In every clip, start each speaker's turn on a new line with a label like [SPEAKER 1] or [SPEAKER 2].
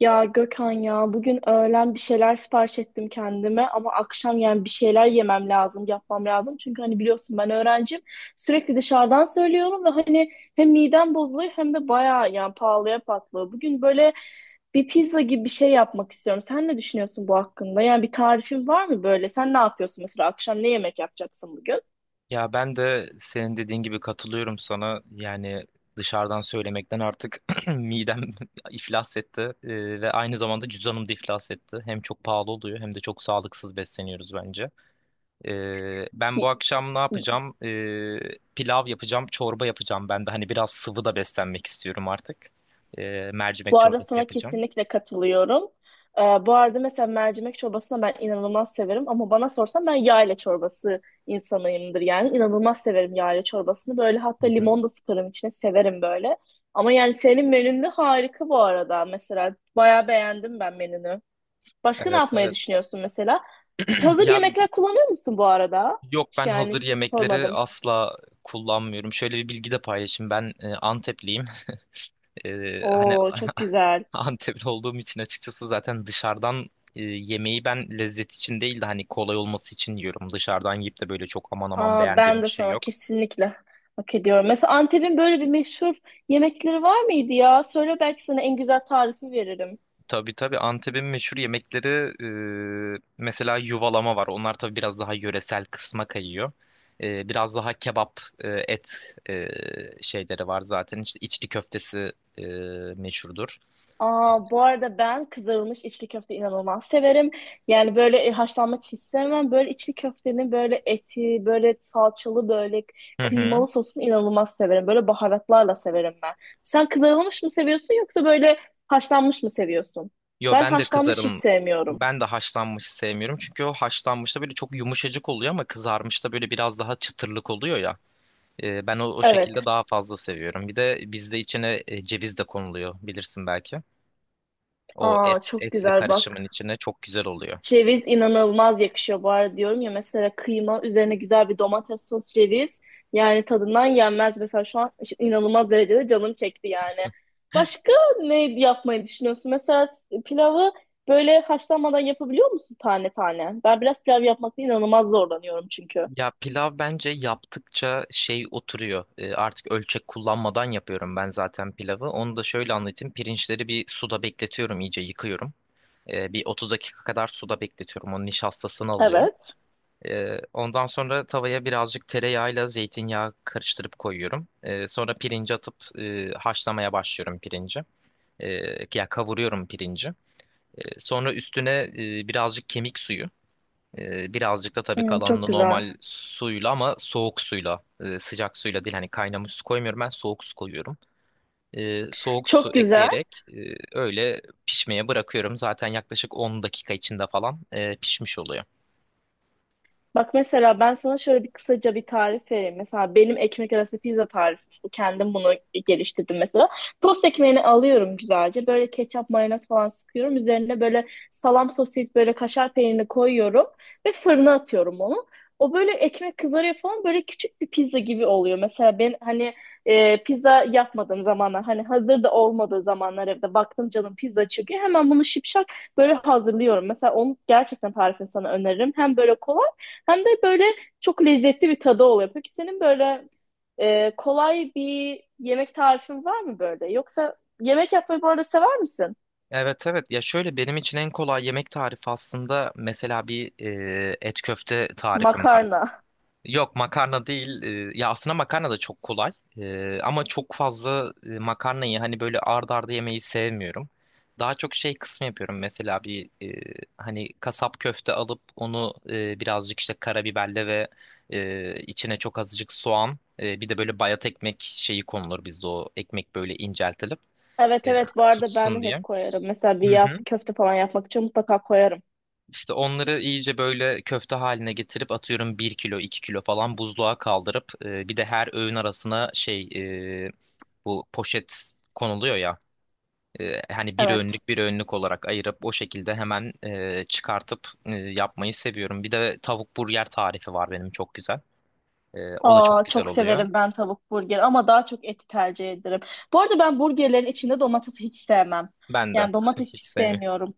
[SPEAKER 1] Ya Gökhan ya bugün öğlen bir şeyler sipariş ettim kendime ama akşam yani bir şeyler yemem lazım, yapmam lazım. Çünkü hani biliyorsun ben öğrencim. Sürekli dışarıdan söylüyorum ve hani hem midem bozuluyor hem de bayağı yani pahalıya patlıyor. Bugün böyle bir pizza gibi bir şey yapmak istiyorum. Sen ne düşünüyorsun bu hakkında? Yani bir tarifin var mı böyle? Sen ne yapıyorsun mesela akşam ne yemek yapacaksın bugün?
[SPEAKER 2] Ya ben de senin dediğin gibi katılıyorum sana. Yani dışarıdan söylemekten artık midem iflas etti. Ve aynı zamanda cüzdanım da iflas etti. Hem çok pahalı oluyor hem de çok sağlıksız besleniyoruz bence. Ben bu akşam ne yapacağım? Pilav yapacağım, çorba yapacağım. Ben de hani biraz sıvı da beslenmek istiyorum artık. Mercimek
[SPEAKER 1] Bu arada
[SPEAKER 2] çorbası
[SPEAKER 1] sana
[SPEAKER 2] yapacağım.
[SPEAKER 1] kesinlikle katılıyorum. Bu arada mesela mercimek çorbasını ben inanılmaz severim ama bana sorsan ben yayla çorbası insanıyımdır yani. İnanılmaz severim yayla çorbasını. Böyle
[SPEAKER 2] Hı
[SPEAKER 1] hatta
[SPEAKER 2] hı.
[SPEAKER 1] limon da sıkarım içine severim böyle. Ama yani senin menün de harika bu arada mesela. Bayağı beğendim ben menünü. Başka ne
[SPEAKER 2] Evet
[SPEAKER 1] yapmayı
[SPEAKER 2] evet.
[SPEAKER 1] düşünüyorsun mesela? Hazır
[SPEAKER 2] Ya
[SPEAKER 1] yemekler kullanıyor musun bu arada?
[SPEAKER 2] Yok,
[SPEAKER 1] Hiç.
[SPEAKER 2] ben
[SPEAKER 1] Yani
[SPEAKER 2] hazır yemekleri
[SPEAKER 1] sormadım.
[SPEAKER 2] asla kullanmıyorum. Şöyle bir bilgi de paylaşayım. Ben Antepliyim. Hani
[SPEAKER 1] Oo, çok güzel.
[SPEAKER 2] Antepli olduğum için açıkçası zaten dışarıdan yemeği ben lezzet için değil de hani kolay olması için yiyorum. Dışarıdan yiyip de böyle çok aman aman
[SPEAKER 1] Aa,
[SPEAKER 2] beğendiğim
[SPEAKER 1] ben
[SPEAKER 2] bir
[SPEAKER 1] de
[SPEAKER 2] şey
[SPEAKER 1] sana
[SPEAKER 2] yok.
[SPEAKER 1] kesinlikle hak ediyorum. Mesela Antep'in böyle bir meşhur yemekleri var mıydı ya? Söyle belki sana en güzel tarifi veririm.
[SPEAKER 2] Tabii tabii, Antep'in meşhur yemekleri mesela yuvalama var. Onlar tabii biraz daha yöresel kısma kayıyor. Biraz daha kebap, et şeyleri var zaten. İşte içli köftesi meşhurdur.
[SPEAKER 1] Aa, bu arada ben kızarılmış içli köfte inanılmaz severim. Yani böyle haşlanmış hiç sevmem. Böyle içli köftenin böyle eti, böyle salçalı, böyle
[SPEAKER 2] Hı hı.
[SPEAKER 1] kıymalı sosunu inanılmaz severim. Böyle baharatlarla severim ben. Sen kızarılmış mı seviyorsun yoksa böyle haşlanmış mı seviyorsun?
[SPEAKER 2] Yo
[SPEAKER 1] Ben
[SPEAKER 2] ben de
[SPEAKER 1] haşlanmış hiç
[SPEAKER 2] kızarın
[SPEAKER 1] sevmiyorum.
[SPEAKER 2] ben de haşlanmış sevmiyorum. Çünkü o haşlanmışta böyle çok yumuşacık oluyor ama kızarmışta böyle biraz daha çıtırlık oluyor ya. Ben o şekilde
[SPEAKER 1] Evet.
[SPEAKER 2] daha fazla seviyorum. Bir de bizde içine ceviz de konuluyor, bilirsin belki. O
[SPEAKER 1] Aa,
[SPEAKER 2] et
[SPEAKER 1] çok
[SPEAKER 2] etli
[SPEAKER 1] güzel
[SPEAKER 2] karışımın
[SPEAKER 1] bak.
[SPEAKER 2] içine çok güzel oluyor.
[SPEAKER 1] Ceviz inanılmaz yakışıyor bu arada diyorum ya, mesela kıyma üzerine güzel bir domates sos ceviz yani tadından yenmez, mesela şu an işte inanılmaz derecede canım çekti yani. Başka ne yapmayı düşünüyorsun? Mesela pilavı böyle haşlanmadan yapabiliyor musun tane tane? Ben biraz pilav yapmakta inanılmaz zorlanıyorum çünkü.
[SPEAKER 2] Ya pilav bence yaptıkça şey oturuyor. Artık ölçek kullanmadan yapıyorum ben zaten pilavı. Onu da şöyle anlatayım. Pirinçleri bir suda bekletiyorum, iyice yıkıyorum. Bir 30 dakika kadar suda bekletiyorum. Onun nişastasını alıyor.
[SPEAKER 1] Evet.
[SPEAKER 2] Ondan sonra tavaya birazcık tereyağıyla zeytinyağı karıştırıp koyuyorum. Sonra pirinci atıp haşlamaya başlıyorum pirinci. Ee, Ya kavuruyorum pirinci. Sonra üstüne birazcık kemik suyu. Birazcık da tabii
[SPEAKER 1] Hmm, çok
[SPEAKER 2] kalanını
[SPEAKER 1] güzel.
[SPEAKER 2] normal suyla ama soğuk suyla, sıcak suyla değil. Hani kaynamış su koymuyorum, ben soğuk su koyuyorum. Soğuk su
[SPEAKER 1] Çok güzel.
[SPEAKER 2] ekleyerek öyle pişmeye bırakıyorum. Zaten yaklaşık 10 dakika içinde falan pişmiş oluyor.
[SPEAKER 1] Bak mesela ben sana şöyle bir kısaca bir tarif vereyim. Mesela benim ekmek arası pizza tarifim bu. Kendim bunu geliştirdim mesela. Tost ekmeğini alıyorum güzelce. Böyle ketçap, mayonez falan sıkıyorum. Üzerine böyle salam sosis, böyle kaşar peynirini koyuyorum. Ve fırına atıyorum onu. O böyle ekmek kızarıyor falan, böyle küçük bir pizza gibi oluyor. Mesela ben hani pizza yapmadığım zamanlar, hani hazır da olmadığı zamanlar, evde baktım canım pizza çıkıyor. Hemen bunu şipşak böyle hazırlıyorum. Mesela onu gerçekten tarifini sana öneririm. Hem böyle kolay hem de böyle çok lezzetli bir tadı oluyor. Peki senin böyle kolay bir yemek tarifin var mı böyle? Yoksa yemek yapmayı bu arada sever misin?
[SPEAKER 2] Evet evet. Ya şöyle, benim için en kolay yemek tarifi aslında mesela bir et köfte tarifim var.
[SPEAKER 1] Makarna.
[SPEAKER 2] Yok, makarna değil. Ya aslında makarna da çok kolay. Ama çok fazla makarnayı hani böyle ard arda yemeyi sevmiyorum. Daha çok şey kısmı yapıyorum. Mesela bir hani kasap köfte alıp onu birazcık işte karabiberle ve içine çok azıcık soğan, bir de böyle bayat ekmek şeyi konulur bizde, o ekmek böyle inceltilip
[SPEAKER 1] Evet,
[SPEAKER 2] e,
[SPEAKER 1] evet, bu arada ben de
[SPEAKER 2] tutsun
[SPEAKER 1] hep
[SPEAKER 2] diye.
[SPEAKER 1] koyarım. Mesela bir
[SPEAKER 2] Hı hı.
[SPEAKER 1] köfte falan yapmak için mutlaka koyarım.
[SPEAKER 2] İşte onları iyice böyle köfte haline getirip atıyorum, bir kilo 2 kilo falan buzluğa kaldırıp bir de her öğün arasına şey, e, bu poşet konuluyor ya, hani bir
[SPEAKER 1] Evet.
[SPEAKER 2] öğünlük bir öğünlük olarak ayırıp o şekilde hemen çıkartıp yapmayı seviyorum. Bir de tavuk burger tarifi var benim, çok güzel. O da çok
[SPEAKER 1] Aa,
[SPEAKER 2] güzel
[SPEAKER 1] çok
[SPEAKER 2] oluyor.
[SPEAKER 1] severim ben tavuk burgeri ama daha çok eti tercih ederim. Bu arada ben burgerlerin içinde domatesi hiç sevmem.
[SPEAKER 2] Ben de
[SPEAKER 1] Yani domates hiç
[SPEAKER 2] hiç sevmiyorum.
[SPEAKER 1] sevmiyorum.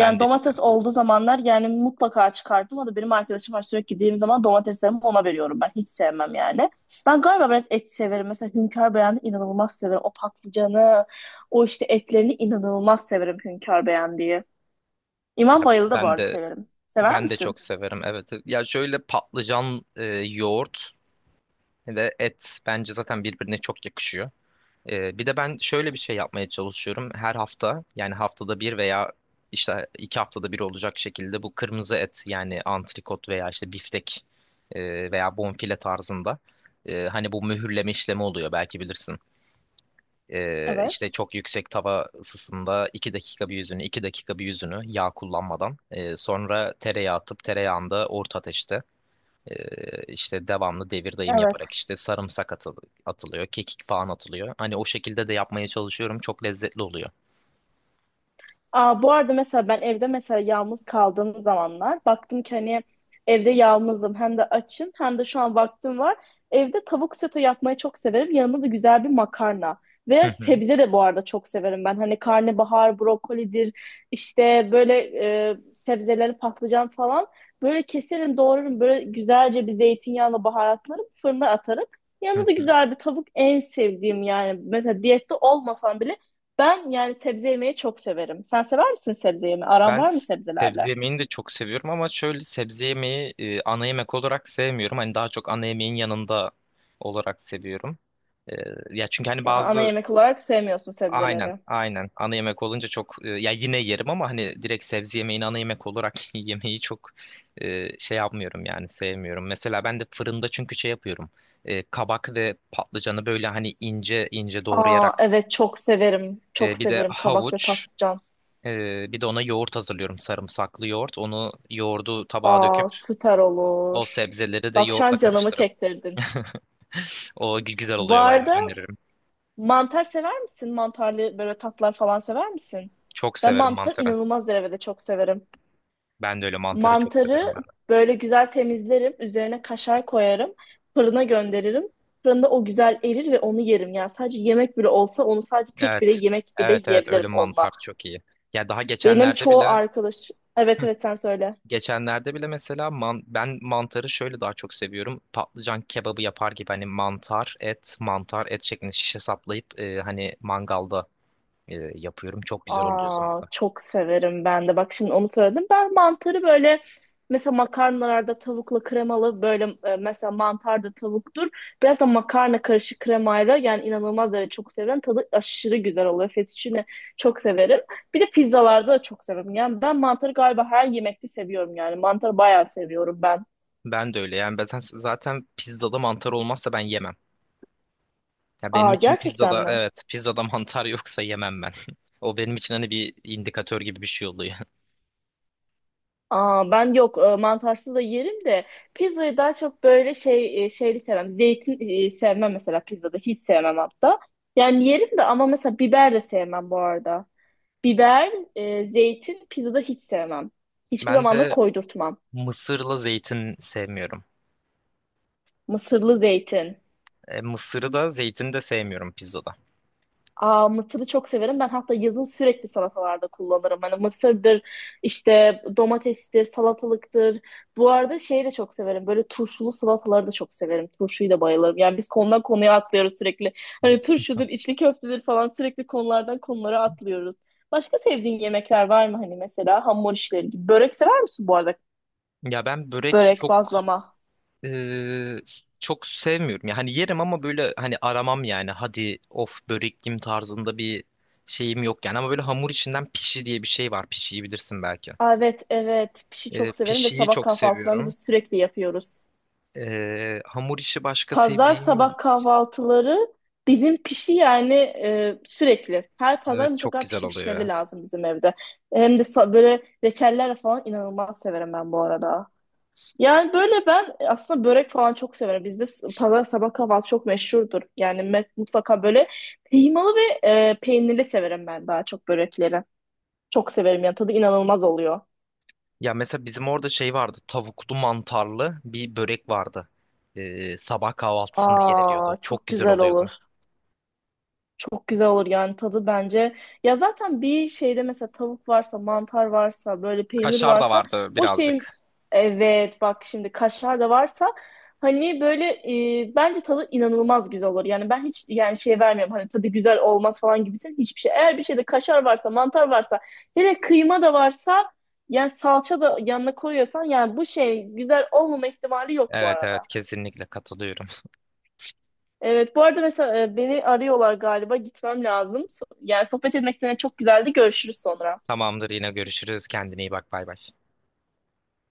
[SPEAKER 2] Ben de hiç
[SPEAKER 1] domates
[SPEAKER 2] sevmem.
[SPEAKER 1] olduğu zamanlar yani mutlaka çıkardım. O da benim arkadaşım var, sürekli gittiğim zaman domateslerimi ona veriyorum. Ben hiç sevmem yani. Ben galiba biraz et severim. Mesela Hünkar Beyan'ı inanılmaz severim. O patlıcanı, o işte etlerini inanılmaz severim Hünkar Beyan diye. İmam
[SPEAKER 2] Ya
[SPEAKER 1] Bayıl'ı da bu
[SPEAKER 2] ben
[SPEAKER 1] arada
[SPEAKER 2] de
[SPEAKER 1] severim. Sever
[SPEAKER 2] ben de
[SPEAKER 1] misin?
[SPEAKER 2] çok severim. Evet. Ya şöyle, patlıcan yoğurt ve et bence zaten birbirine çok yakışıyor. Bir de ben şöyle bir şey yapmaya çalışıyorum. Her hafta, yani haftada bir veya işte iki haftada bir olacak şekilde bu kırmızı et, yani antrikot veya işte biftek veya bonfile tarzında, hani bu mühürleme işlemi oluyor, belki bilirsin. İşte
[SPEAKER 1] Evet.
[SPEAKER 2] çok yüksek tava ısısında 2 dakika bir yüzünü 2 dakika bir yüzünü yağ kullanmadan, sonra tereyağı atıp tereyağında orta ateşte işte devamlı devir dayım yaparak
[SPEAKER 1] Evet.
[SPEAKER 2] işte sarımsak atılıyor, kekik falan atılıyor. Hani o şekilde de yapmaya çalışıyorum. Çok lezzetli oluyor.
[SPEAKER 1] Aa, bu arada mesela ben evde mesela yalnız kaldığım zamanlar baktım ki hani evde yalnızım, hem de açım, hem de şu an vaktim var. Evde tavuk sote yapmayı çok severim. Yanında da güzel bir makarna. Ve
[SPEAKER 2] Hı hı,
[SPEAKER 1] sebze de bu arada çok severim ben. Hani karnabahar, brokolidir, işte böyle sebzeleri, patlıcan falan. Böyle keserim, doğrarım. Böyle güzelce bir zeytinyağla baharatlarım, fırına atarım.
[SPEAKER 2] hı
[SPEAKER 1] Yanında da
[SPEAKER 2] hı.
[SPEAKER 1] güzel bir tavuk en sevdiğim yani. Mesela diyette olmasam bile ben yani sebze yemeyi çok severim. Sen sever misin sebze yemeyi? Aran
[SPEAKER 2] Ben
[SPEAKER 1] var mı
[SPEAKER 2] s- sebze
[SPEAKER 1] sebzelerle?
[SPEAKER 2] yemeğini de çok seviyorum ama şöyle sebze yemeği ana yemek olarak sevmiyorum. Hani daha çok ana yemeğin yanında olarak seviyorum. Ee, Ya çünkü hani
[SPEAKER 1] Aa, ana
[SPEAKER 2] bazı...
[SPEAKER 1] yemek olarak sevmiyorsun
[SPEAKER 2] Aynen,
[SPEAKER 1] sebzeleri.
[SPEAKER 2] aynen. Ana yemek olunca çok ya yine yerim ama hani direkt sebze yemeğini ana yemek olarak yemeyi çok şey yapmıyorum, yani sevmiyorum. Mesela ben de fırında çünkü şey yapıyorum. Kabak ve patlıcanı böyle hani ince ince
[SPEAKER 1] Aa,
[SPEAKER 2] doğrayarak,
[SPEAKER 1] evet çok severim. Çok
[SPEAKER 2] bir de
[SPEAKER 1] severim kabak ve
[SPEAKER 2] havuç,
[SPEAKER 1] patlıcan.
[SPEAKER 2] bir de ona yoğurt hazırlıyorum, sarımsaklı yoğurt. Onu yoğurdu tabağa döküp
[SPEAKER 1] Aa, süper
[SPEAKER 2] o
[SPEAKER 1] olur.
[SPEAKER 2] sebzeleri de
[SPEAKER 1] Bak şu
[SPEAKER 2] yoğurtla
[SPEAKER 1] an canımı
[SPEAKER 2] karıştırıp
[SPEAKER 1] çektirdin.
[SPEAKER 2] o güzel
[SPEAKER 1] Bu
[SPEAKER 2] oluyor, bayağı
[SPEAKER 1] arada
[SPEAKER 2] öneririm.
[SPEAKER 1] mantar sever misin? Mantarlı böyle tatlar falan sever misin?
[SPEAKER 2] Çok
[SPEAKER 1] Ben
[SPEAKER 2] severim
[SPEAKER 1] mantar
[SPEAKER 2] mantarı.
[SPEAKER 1] inanılmaz derecede çok severim.
[SPEAKER 2] Ben de öyle, mantarı çok severim.
[SPEAKER 1] Mantarı böyle güzel temizlerim. Üzerine kaşar koyarım. Fırına gönderirim. Fırında o güzel erir ve onu yerim. Yani sadece yemek bile olsa onu sadece tek bile
[SPEAKER 2] Evet.
[SPEAKER 1] yemek bile
[SPEAKER 2] Evet evet, ölü
[SPEAKER 1] yiyebilirim onunla.
[SPEAKER 2] mantar çok iyi. Ya daha
[SPEAKER 1] Benim
[SPEAKER 2] geçenlerde
[SPEAKER 1] çoğu
[SPEAKER 2] bile...
[SPEAKER 1] arkadaş. Evet,
[SPEAKER 2] Hı.
[SPEAKER 1] evet, sen söyle.
[SPEAKER 2] Geçenlerde bile mesela ben mantarı şöyle daha çok seviyorum. Patlıcan kebabı yapar gibi hani mantar, et, mantar, et şeklinde şişe saplayıp hani mangalda yapıyorum. Çok güzel oluyor o zaman
[SPEAKER 1] Aa,
[SPEAKER 2] da.
[SPEAKER 1] çok severim ben de. Bak şimdi onu söyledim. Ben mantarı böyle mesela makarnalarda tavukla kremalı, böyle mesela mantar da tavuktur. Biraz da makarna karışık kremayla yani inanılmaz derece çok severim. Tadı aşırı güzel oluyor. Fettuccine çok severim. Bir de pizzalarda da çok severim. Yani ben mantarı galiba her yemekte seviyorum yani. Mantarı bayağı seviyorum ben.
[SPEAKER 2] Ben de öyle. Yani ben zaten pizzada mantar olmazsa ben yemem. Ya benim
[SPEAKER 1] Aa,
[SPEAKER 2] için
[SPEAKER 1] gerçekten
[SPEAKER 2] pizzada,
[SPEAKER 1] mi?
[SPEAKER 2] evet, pizzada mantar yoksa yemem ben. O benim için hani bir indikatör gibi bir şey oluyor.
[SPEAKER 1] Aa, ben yok, mantarsız da yerim de pizzayı daha çok böyle şey, şeyli sevmem. Zeytin sevmem mesela, pizzada hiç sevmem hatta. Yani yerim de ama mesela biber de sevmem bu arada. Biber, zeytin pizzada hiç sevmem. Hiçbir
[SPEAKER 2] Ben
[SPEAKER 1] zaman da
[SPEAKER 2] de
[SPEAKER 1] koydurtmam.
[SPEAKER 2] mısırla zeytin sevmiyorum.
[SPEAKER 1] Mısırlı zeytin.
[SPEAKER 2] Mısırı da zeytini de sevmiyorum pizzada.
[SPEAKER 1] Aa, mısırı çok severim. Ben hatta yazın sürekli salatalarda kullanırım. Hani mısırdır, işte domatestir, salatalıktır. Bu arada şeyi de çok severim. Böyle turşulu salataları da çok severim. Turşuyu da bayılırım. Yani biz konudan konuya atlıyoruz sürekli. Hani turşudur, içli köftedir falan, sürekli konulardan konulara atlıyoruz. Başka sevdiğin yemekler var mı, hani mesela hamur işleri gibi? Börek sever misin bu arada?
[SPEAKER 2] Ya ben börek
[SPEAKER 1] Börek,
[SPEAKER 2] çok
[SPEAKER 1] bazlama.
[SPEAKER 2] e, çok sevmiyorum. Yani yerim ama böyle hani aramam yani. Hadi of, börek yiyeyim tarzında bir şeyim yok yani. Ama böyle hamur içinden pişi diye bir şey var. Pişiyi bilirsin belki.
[SPEAKER 1] Aa, evet, evet. Pişi çok severim ve
[SPEAKER 2] Pişiyi
[SPEAKER 1] sabah
[SPEAKER 2] çok
[SPEAKER 1] kahvaltılarını
[SPEAKER 2] seviyorum.
[SPEAKER 1] biz sürekli yapıyoruz.
[SPEAKER 2] Hamur işi başka
[SPEAKER 1] Pazar
[SPEAKER 2] sevdiğim...
[SPEAKER 1] sabah kahvaltıları bizim pişi yani sürekli. Her pazar
[SPEAKER 2] Evet, çok
[SPEAKER 1] mutlaka
[SPEAKER 2] güzel
[SPEAKER 1] pişi
[SPEAKER 2] oluyor
[SPEAKER 1] pişmeli
[SPEAKER 2] ya.
[SPEAKER 1] lazım bizim evde. Hem de böyle reçeller falan inanılmaz severim ben bu arada. Yani böyle ben aslında börek falan çok severim. Bizde pazar sabah kahvaltı çok meşhurdur. Yani mutlaka böyle kıymalı ve peynirli severim ben daha çok börekleri. Çok severim yani tadı inanılmaz oluyor.
[SPEAKER 2] Ya mesela bizim orada şey vardı. Tavuklu mantarlı bir börek vardı. Sabah kahvaltısında yeniliyordu.
[SPEAKER 1] Aa,
[SPEAKER 2] Çok
[SPEAKER 1] çok
[SPEAKER 2] güzel
[SPEAKER 1] güzel
[SPEAKER 2] oluyordu.
[SPEAKER 1] olur. Çok güzel olur yani tadı bence. Ya zaten bir şeyde mesela tavuk varsa, mantar varsa, böyle peynir
[SPEAKER 2] Kaşar da
[SPEAKER 1] varsa
[SPEAKER 2] vardı
[SPEAKER 1] o şeyin,
[SPEAKER 2] birazcık.
[SPEAKER 1] evet bak şimdi kaşar da varsa, hani böyle bence tadı inanılmaz güzel olur. Yani ben hiç yani şey vermiyorum hani tadı güzel olmaz falan gibisin, hiçbir şey. Eğer bir şeyde kaşar varsa, mantar varsa, hele kıyma da varsa, yani salça da yanına koyuyorsan, yani bu şey güzel olmama ihtimali yok bu
[SPEAKER 2] Evet evet,
[SPEAKER 1] arada.
[SPEAKER 2] kesinlikle katılıyorum.
[SPEAKER 1] Evet, bu arada mesela beni arıyorlar galiba. Gitmem lazım. Yani sohbet etmek seninle çok güzeldi. Görüşürüz sonra.
[SPEAKER 2] Tamamdır, yine görüşürüz. Kendine iyi bak, bay bay.